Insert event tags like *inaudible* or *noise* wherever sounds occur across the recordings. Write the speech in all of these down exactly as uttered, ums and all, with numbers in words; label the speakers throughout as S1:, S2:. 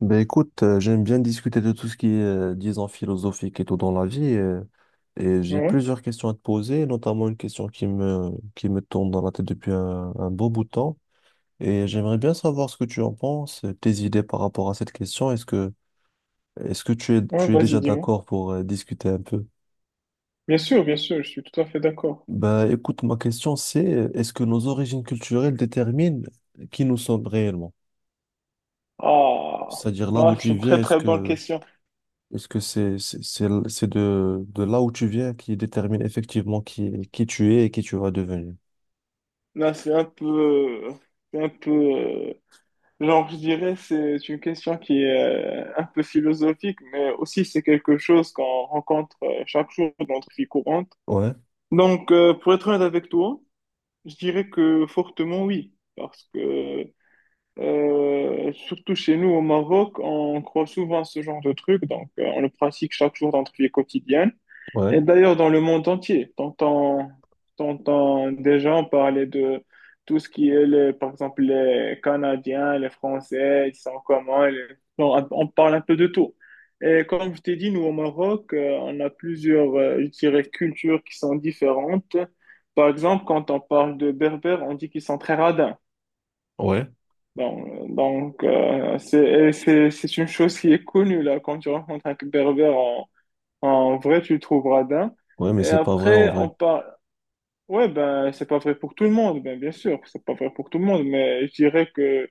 S1: Ben écoute, euh, j'aime bien discuter de tout ce qui est, euh, disons, philosophique et tout dans la vie. Euh, et j'ai
S2: Ouais,
S1: plusieurs questions à te poser, notamment une question qui me, qui me tourne dans la tête depuis un, un beau bout de temps. Et j'aimerais bien savoir ce que tu en penses, euh, tes idées par rapport à cette question. Est-ce que, est-ce que tu es,
S2: ouais,
S1: tu es
S2: vas-y,
S1: déjà
S2: dis-moi.
S1: d'accord pour euh, discuter un peu?
S2: Bien sûr, bien sûr, je suis tout à fait d'accord.
S1: Ben écoute, ma question c'est, euh, est-ce que nos origines culturelles déterminent qui nous sommes réellement?
S2: Ah,
S1: C'est-à-dire là d'où
S2: là, c'est
S1: tu
S2: une très
S1: viens, est-ce
S2: très bonne
S1: que
S2: question.
S1: Est-ce que c'est c'est c'est l- c'est de, de là où tu viens qui détermine effectivement qui, qui tu es et qui tu vas devenir?
S2: Là, c'est un peu, c'est un peu, euh, genre, je dirais, c'est une question qui est euh, un peu philosophique, mais aussi c'est quelque chose qu'on rencontre euh, chaque jour dans notre vie courante.
S1: Ouais,
S2: Donc, euh, pour être honnête avec toi, je dirais que fortement oui, parce que euh, surtout chez nous au Maroc, on croit souvent à ce genre de truc, donc euh, on le pratique chaque jour dans notre vie quotidienne.
S1: ouais,
S2: Et d'ailleurs, dans le monde entier, t'entends, t'entends des gens parler de tout ce qui est, les, par exemple, les Canadiens, les Français, ils sont comment, les- non, on parle un peu de tout. Et comme je t'ai dit, nous, au Maroc, euh, on a plusieurs, euh, je dirais, cultures qui sont différentes. Par exemple, quand on parle de Berbères, on dit qu'ils sont très radins.
S1: ouais,
S2: Donc, donc, euh, c'est, et c'est, c'est une chose qui est connue, là, quand tu rencontres un Berbère, en vrai, tu le trouves radin.
S1: ouais, mais
S2: Et
S1: c'est pas vrai en
S2: après,
S1: vrai.
S2: on parle. Ouais, ben, c'est pas vrai pour tout le monde, ben, bien sûr, c'est pas vrai pour tout le monde, mais je dirais que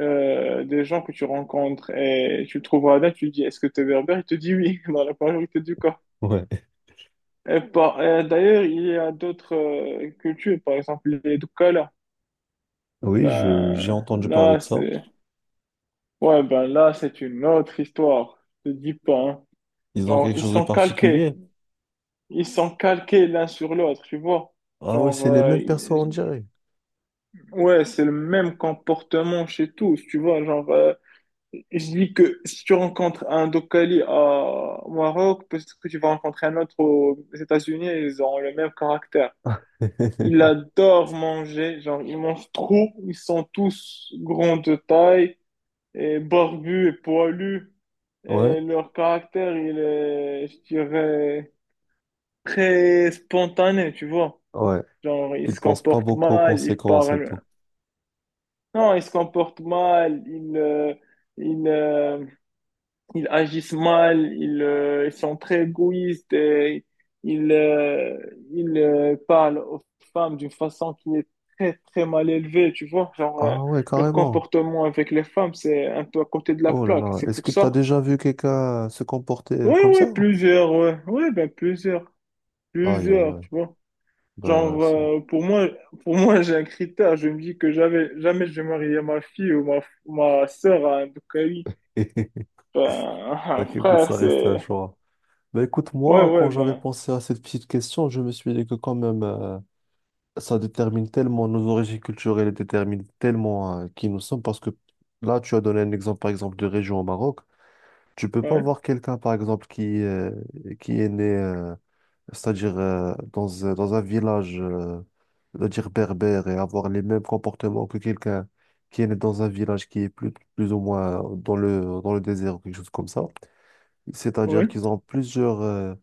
S2: euh, des gens que tu rencontres et tu le trouves radin, tu lui dis est-ce que t'es es berbère? Il te dit oui, *laughs* dans la majorité du cas.
S1: Ouais.
S2: Et, par- et d'ailleurs, il y a d'autres euh, cultures, par exemple les Doukala.
S1: Oui, je, j'ai
S2: Ben,
S1: entendu parler
S2: là,
S1: de ça.
S2: c'est ouais, ben, là, c'est une autre histoire, je te dis pas, hein.
S1: Ils ont
S2: Genre,
S1: quelque
S2: ils
S1: chose de
S2: sont calqués.
S1: particulier.
S2: Ils sont calqués l'un sur l'autre, tu vois.
S1: Ah ouais,
S2: Genre,
S1: c'est les
S2: euh,
S1: mêmes personnes, on
S2: y-
S1: dirait.
S2: ouais, c'est le même comportement chez tous, tu vois. Genre, euh, je dis que si tu rencontres un Dokali à- au Maroc, peut-être que tu vas rencontrer un autre aux États-Unis, ils ont le même caractère. Ils
S1: *laughs*
S2: adorent manger, genre, ils mangent trop, ils sont tous grands de taille, et barbus et poilus, et
S1: Ouais,
S2: leur caractère, il est, je dirais, très spontané, tu vois.
S1: ouais.
S2: Genre, il
S1: Ils
S2: se
S1: pensent pas
S2: comporte
S1: beaucoup aux
S2: mal, il
S1: conséquences et tout.
S2: parle. Non, il se comporte mal, il, euh, il, euh, il agissent mal, ils, euh, ils sont très égoïstes, et ils, euh, ils euh, parlent aux femmes d'une façon qui est très, très mal élevée, tu vois. Genre, euh,
S1: Ah ouais,
S2: leur
S1: carrément.
S2: comportement avec les femmes, c'est un peu à côté de la
S1: Oh là
S2: plaque.
S1: là.
S2: C'est
S1: Est-ce
S2: pour
S1: que tu as
S2: ça.
S1: déjà vu quelqu'un se comporter euh,
S2: Oui,
S1: comme ça?
S2: oui, plusieurs, ouais. Ouais, ben plusieurs,
S1: Aïe, aïe,
S2: plusieurs,
S1: aïe.
S2: tu vois.
S1: Bah,
S2: Genre,
S1: c'est...
S2: euh, pour moi, pour moi, j'ai un critère. Je me dis que jamais, jamais je vais marier ma fille ou ma, ma sœur à un Bukhari.
S1: *laughs*
S2: Ben, *laughs*
S1: Bah,
S2: un
S1: écoute,
S2: frère,
S1: ça reste un
S2: c'est...
S1: choix. Bah, écoute,
S2: Ouais,
S1: moi, quand
S2: ouais,
S1: j'avais
S2: ben,
S1: pensé à cette petite question, je me suis dit que quand même... euh, ça détermine tellement nos origines culturelles et détermine tellement euh, qui nous sommes, parce que là, tu as donné un exemple, par exemple, de région au Maroc. Tu peux pas
S2: ouais,
S1: voir quelqu'un, par exemple, qui, euh, qui est né, euh, c'est-à-dire euh, dans, un- dans un village, euh, c'est-à-dire berbère, et avoir les mêmes comportements que quelqu'un qui est né dans un village qui est plus, plus ou moins dans le, dans le désert ou quelque chose comme ça. C'est-à-dire
S2: ouais,
S1: qu'ils ont plusieurs... euh,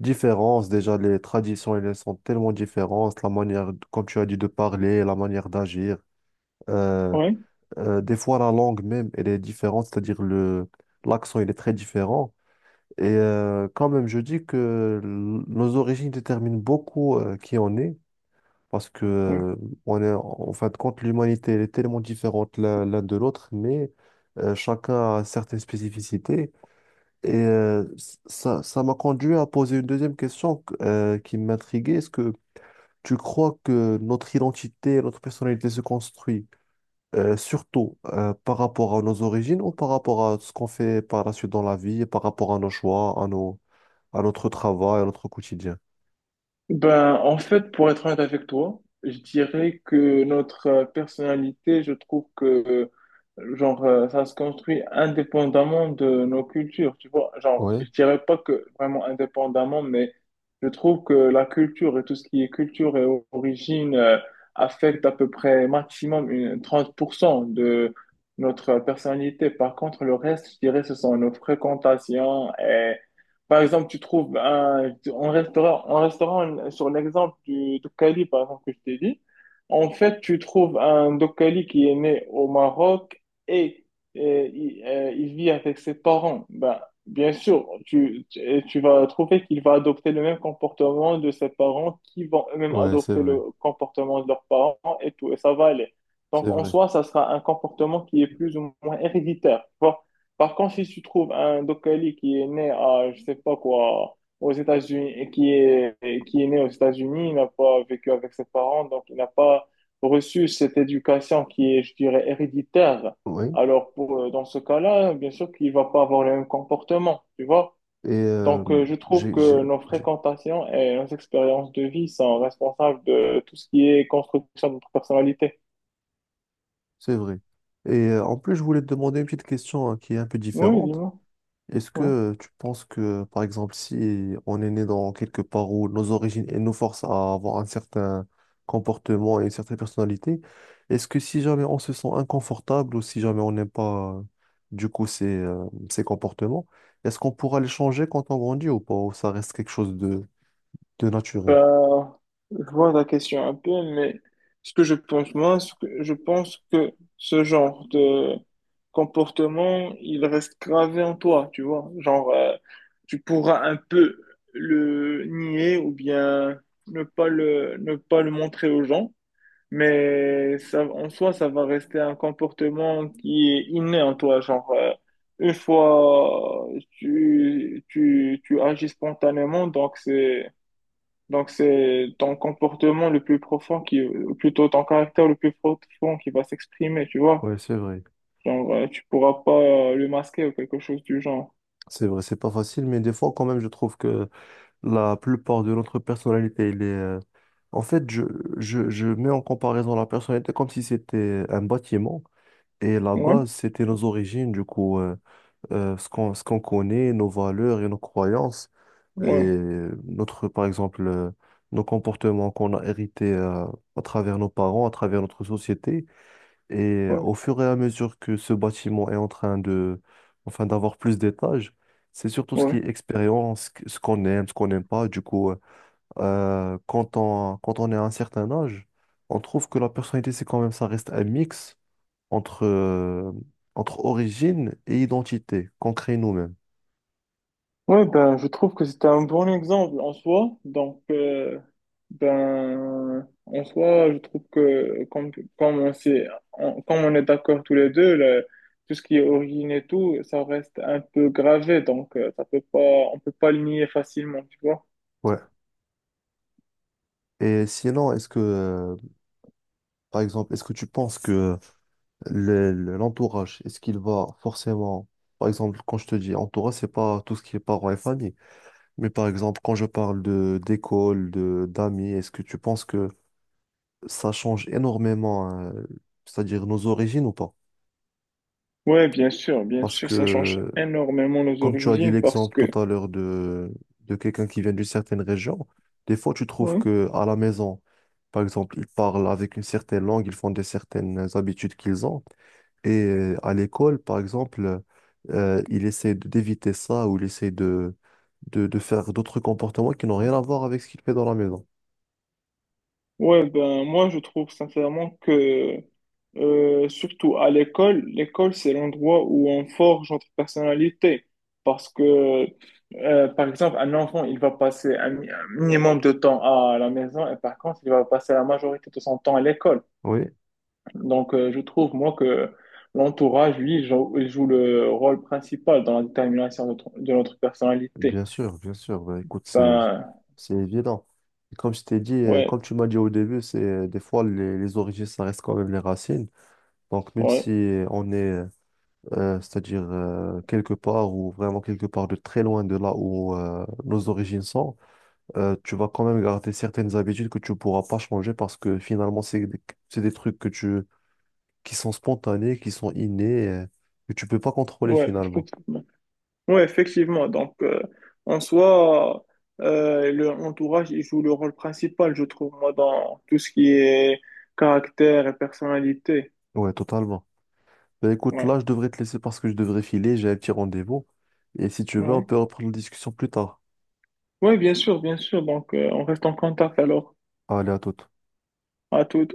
S1: différences. Déjà, les traditions, elles sont tellement différentes. La manière, comme tu as dit, de parler, la manière d'agir. Euh,
S2: ouais,
S1: euh, des fois, la langue même, elle est différente, c'est-à-dire le, l'accent, il est très différent. Et euh, quand même, je dis que l- nos origines déterminent beaucoup euh, qui on est, parce que
S2: ouais.
S1: euh, on est, en fin de compte, l'humanité, elle est tellement différente l'un l'un de l'autre, mais euh, chacun a certaines spécificités. Et euh, c- ça, ça m'a conduit à poser une deuxième question que- euh, qui m'intriguait. Est-ce que tu crois que notre identité, notre personnalité se construit euh, surtout euh, par rapport à nos origines ou par rapport à ce qu'on fait par la suite dans la vie, et par rapport à nos choix, à nos, à notre travail, à notre quotidien?
S2: Ben, en fait, pour être honnête avec toi, je dirais que notre euh, personnalité, je trouve que, euh, genre, euh, ça se construit indépendamment de nos cultures, tu vois. Genre,
S1: Oui,
S2: je dirais pas que vraiment indépendamment, mais je trouve que la culture et tout ce qui est culture et o- origine, euh, affecte à peu près maximum une- trente pour cent de notre personnalité. Par contre, le reste, je dirais, ce sont nos fréquentations par exemple, tu trouves un, en restaurant, en restaurant, sur l'exemple du Dokkali, par exemple, que je t'ai dit, en fait, tu trouves un Dokkali qui est né au Maroc et, et il, euh, il vit avec ses parents. Ben, bien sûr, tu, tu, et tu vas trouver qu'il va adopter le même comportement de ses parents qui vont eux-mêmes
S1: ouais, c'est
S2: adopter le
S1: vrai,
S2: comportement de leurs parents et tout, et ça va aller.
S1: c'est
S2: Donc, en
S1: vrai.
S2: soi, ça sera un comportement qui est plus ou moins héréditaire, tu vois. Par contre, si tu trouves un Dokali qui est né à, je sais pas quoi, aux États-Unis, et qui est, qui est né aux États-Unis, il n'a pas vécu avec ses parents, donc il n'a pas reçu cette éducation qui est, je dirais, héréditaire.
S1: Oui,
S2: Alors, pour, euh, dans ce cas-là, bien sûr qu'il va pas avoir le même comportement, tu vois.
S1: et euh,
S2: Donc, euh, je trouve
S1: j'ai, j'ai-
S2: que nos
S1: j'ai-
S2: fréquentations et nos expériences de vie sont responsables de tout ce qui est construction de notre personnalité.
S1: c'est vrai. Et euh, en plus, je voulais te demander une petite question hein, qui est un peu
S2: Oui,
S1: différente.
S2: dis-moi.
S1: Est-ce
S2: Ouais.
S1: que tu penses que, par exemple, si on est né dans quelque part où nos origines et nous forcent à avoir un certain comportement et une certaine personnalité, est-ce que si jamais on se sent inconfortable ou si jamais on n'aime pas, euh, du coup, ces, euh, ces comportements, est-ce qu'on pourra les changer quand on grandit ou pas, ou ça reste quelque chose de, de naturel?
S2: Je vois la question un peu, mais ce que je pense, moi, ce que- je pense que ce genre de comportement, il reste gravé en toi, tu vois. Genre, euh, tu pourras un peu le nier ou bien ne pas le, ne pas le montrer aux gens, mais ça, en soi, ça va rester un comportement qui est inné en toi. Genre, euh, une fois, tu, tu, tu agis spontanément, donc c'est donc, c'est ton comportement le plus profond qui, ou plutôt ton caractère le plus profond qui va s'exprimer, tu vois.
S1: Ouais, c'est vrai.
S2: Genre, euh, tu pourras pas euh, le masquer ou quelque chose du genre.
S1: C'est vrai, c'est pas facile, mais des fois, quand même, je trouve que la plupart de notre personnalité, il est... euh, En fait, je, je, je mets en comparaison la personnalité comme si c'était un bâtiment. Et la
S2: Ouais,
S1: base, c'était nos origines, du coup, euh, euh, ce qu'on, ce qu'on connaît, nos valeurs et nos croyances. Et
S2: ouais,
S1: notre, par exemple, euh, nos comportements qu'on a hérités euh, à travers nos parents, à travers notre société. Et
S2: ouais,
S1: au fur et à mesure que ce bâtiment est en train de, enfin, d'avoir plus d'étages, c'est surtout ce qui
S2: ouais.
S1: est expérience, ce qu'on aime, ce qu'on n'aime pas. Du coup, euh, euh, quand on, quand on est à un certain âge, on trouve que la personnalité, c'est quand même, ça reste un mix entre, euh, entre origine et identité qu'on crée nous-mêmes.
S2: Ouais, ben, je trouve que c'était un bon exemple en soi. Donc, euh, ben, en soi, je trouve que comme, comme on s'est- on- comme on est d'accord tous les deux, le- tout ce qui est origine et tout, ça reste un peu gravé. Donc, euh, ça peut pas, on peut pas le nier facilement, tu vois.
S1: Ouais. Et sinon, est-ce que, euh, par exemple, est-ce que tu penses que le- le- l'entourage, est-ce qu'il va forcément, par exemple, quand je te dis entourage, c'est pas tout ce qui est parents et famille, mais par exemple, quand je parle de d'école, de d'amis, est-ce que tu penses que ça change énormément, euh, c'est-à-dire nos origines ou pas?
S2: Ouais, bien sûr, bien
S1: Parce
S2: sûr, ça change
S1: que,
S2: énormément nos
S1: comme tu as dit
S2: origines parce
S1: l'exemple
S2: que,
S1: tout à l'heure de, de quelqu'un qui vient d'une certaine région, des fois tu trouves
S2: ouais,
S1: que à la maison, par exemple, ils parlent avec une certaine langue, ils font des certaines habitudes qu'ils ont. Et euh, à l'école, par exemple, euh, il essaie de- d'éviter ça ou il essaie de, de, de faire d'autres comportements qui n'ont rien à voir avec ce qu'il fait dans la maison.
S2: ouais, ben, moi, je trouve sincèrement que, euh, surtout à l'école, l'école, c'est l'endroit où on forge notre personnalité. Parce que, euh, par exemple, un enfant, il va passer un, mi- un minimum de temps à la maison et par contre, il va passer la majorité de son temps à l'école.
S1: Oui,
S2: Donc, euh, je trouve, moi, que l'entourage, lui, il joue, il joue le rôle principal dans la détermination de notre de notre personnalité.
S1: bien sûr, bien sûr. Bah, écoute, c'est,
S2: Ben,
S1: c'est évident. Et comme je t'ai dit, euh,
S2: ouais,
S1: comme tu m'as dit au début, c'est euh, des fois les, les origines, ça reste quand même les racines. Donc, même
S2: ouais,
S1: si on est, euh, c'est-à-dire euh, quelque part ou vraiment quelque part de très loin de là où euh, nos origines sont, euh, tu vas quand même garder certaines habitudes que tu ne pourras pas changer parce que finalement, c'est, des- c'est des trucs que tu, qui sont spontanés, qui sont innés, euh, que tu peux pas contrôler
S2: ouais,
S1: finalement.
S2: effectivement. Ouais, effectivement. Donc, euh, en soi, euh, le entourage, il joue le rôle principal, je trouve, moi, dans tout ce qui est caractère et personnalité.
S1: Ouais, totalement. Ben, écoute,
S2: Ouais,
S1: là, je devrais te laisser parce que je devrais filer, j'ai un petit rendez-vous. Et si tu veux, on
S2: ouais.
S1: peut reprendre la discussion plus tard.
S2: Ouais, bien sûr, bien sûr. Donc, euh, on reste en contact alors.
S1: Allez, à toute.
S2: À tout.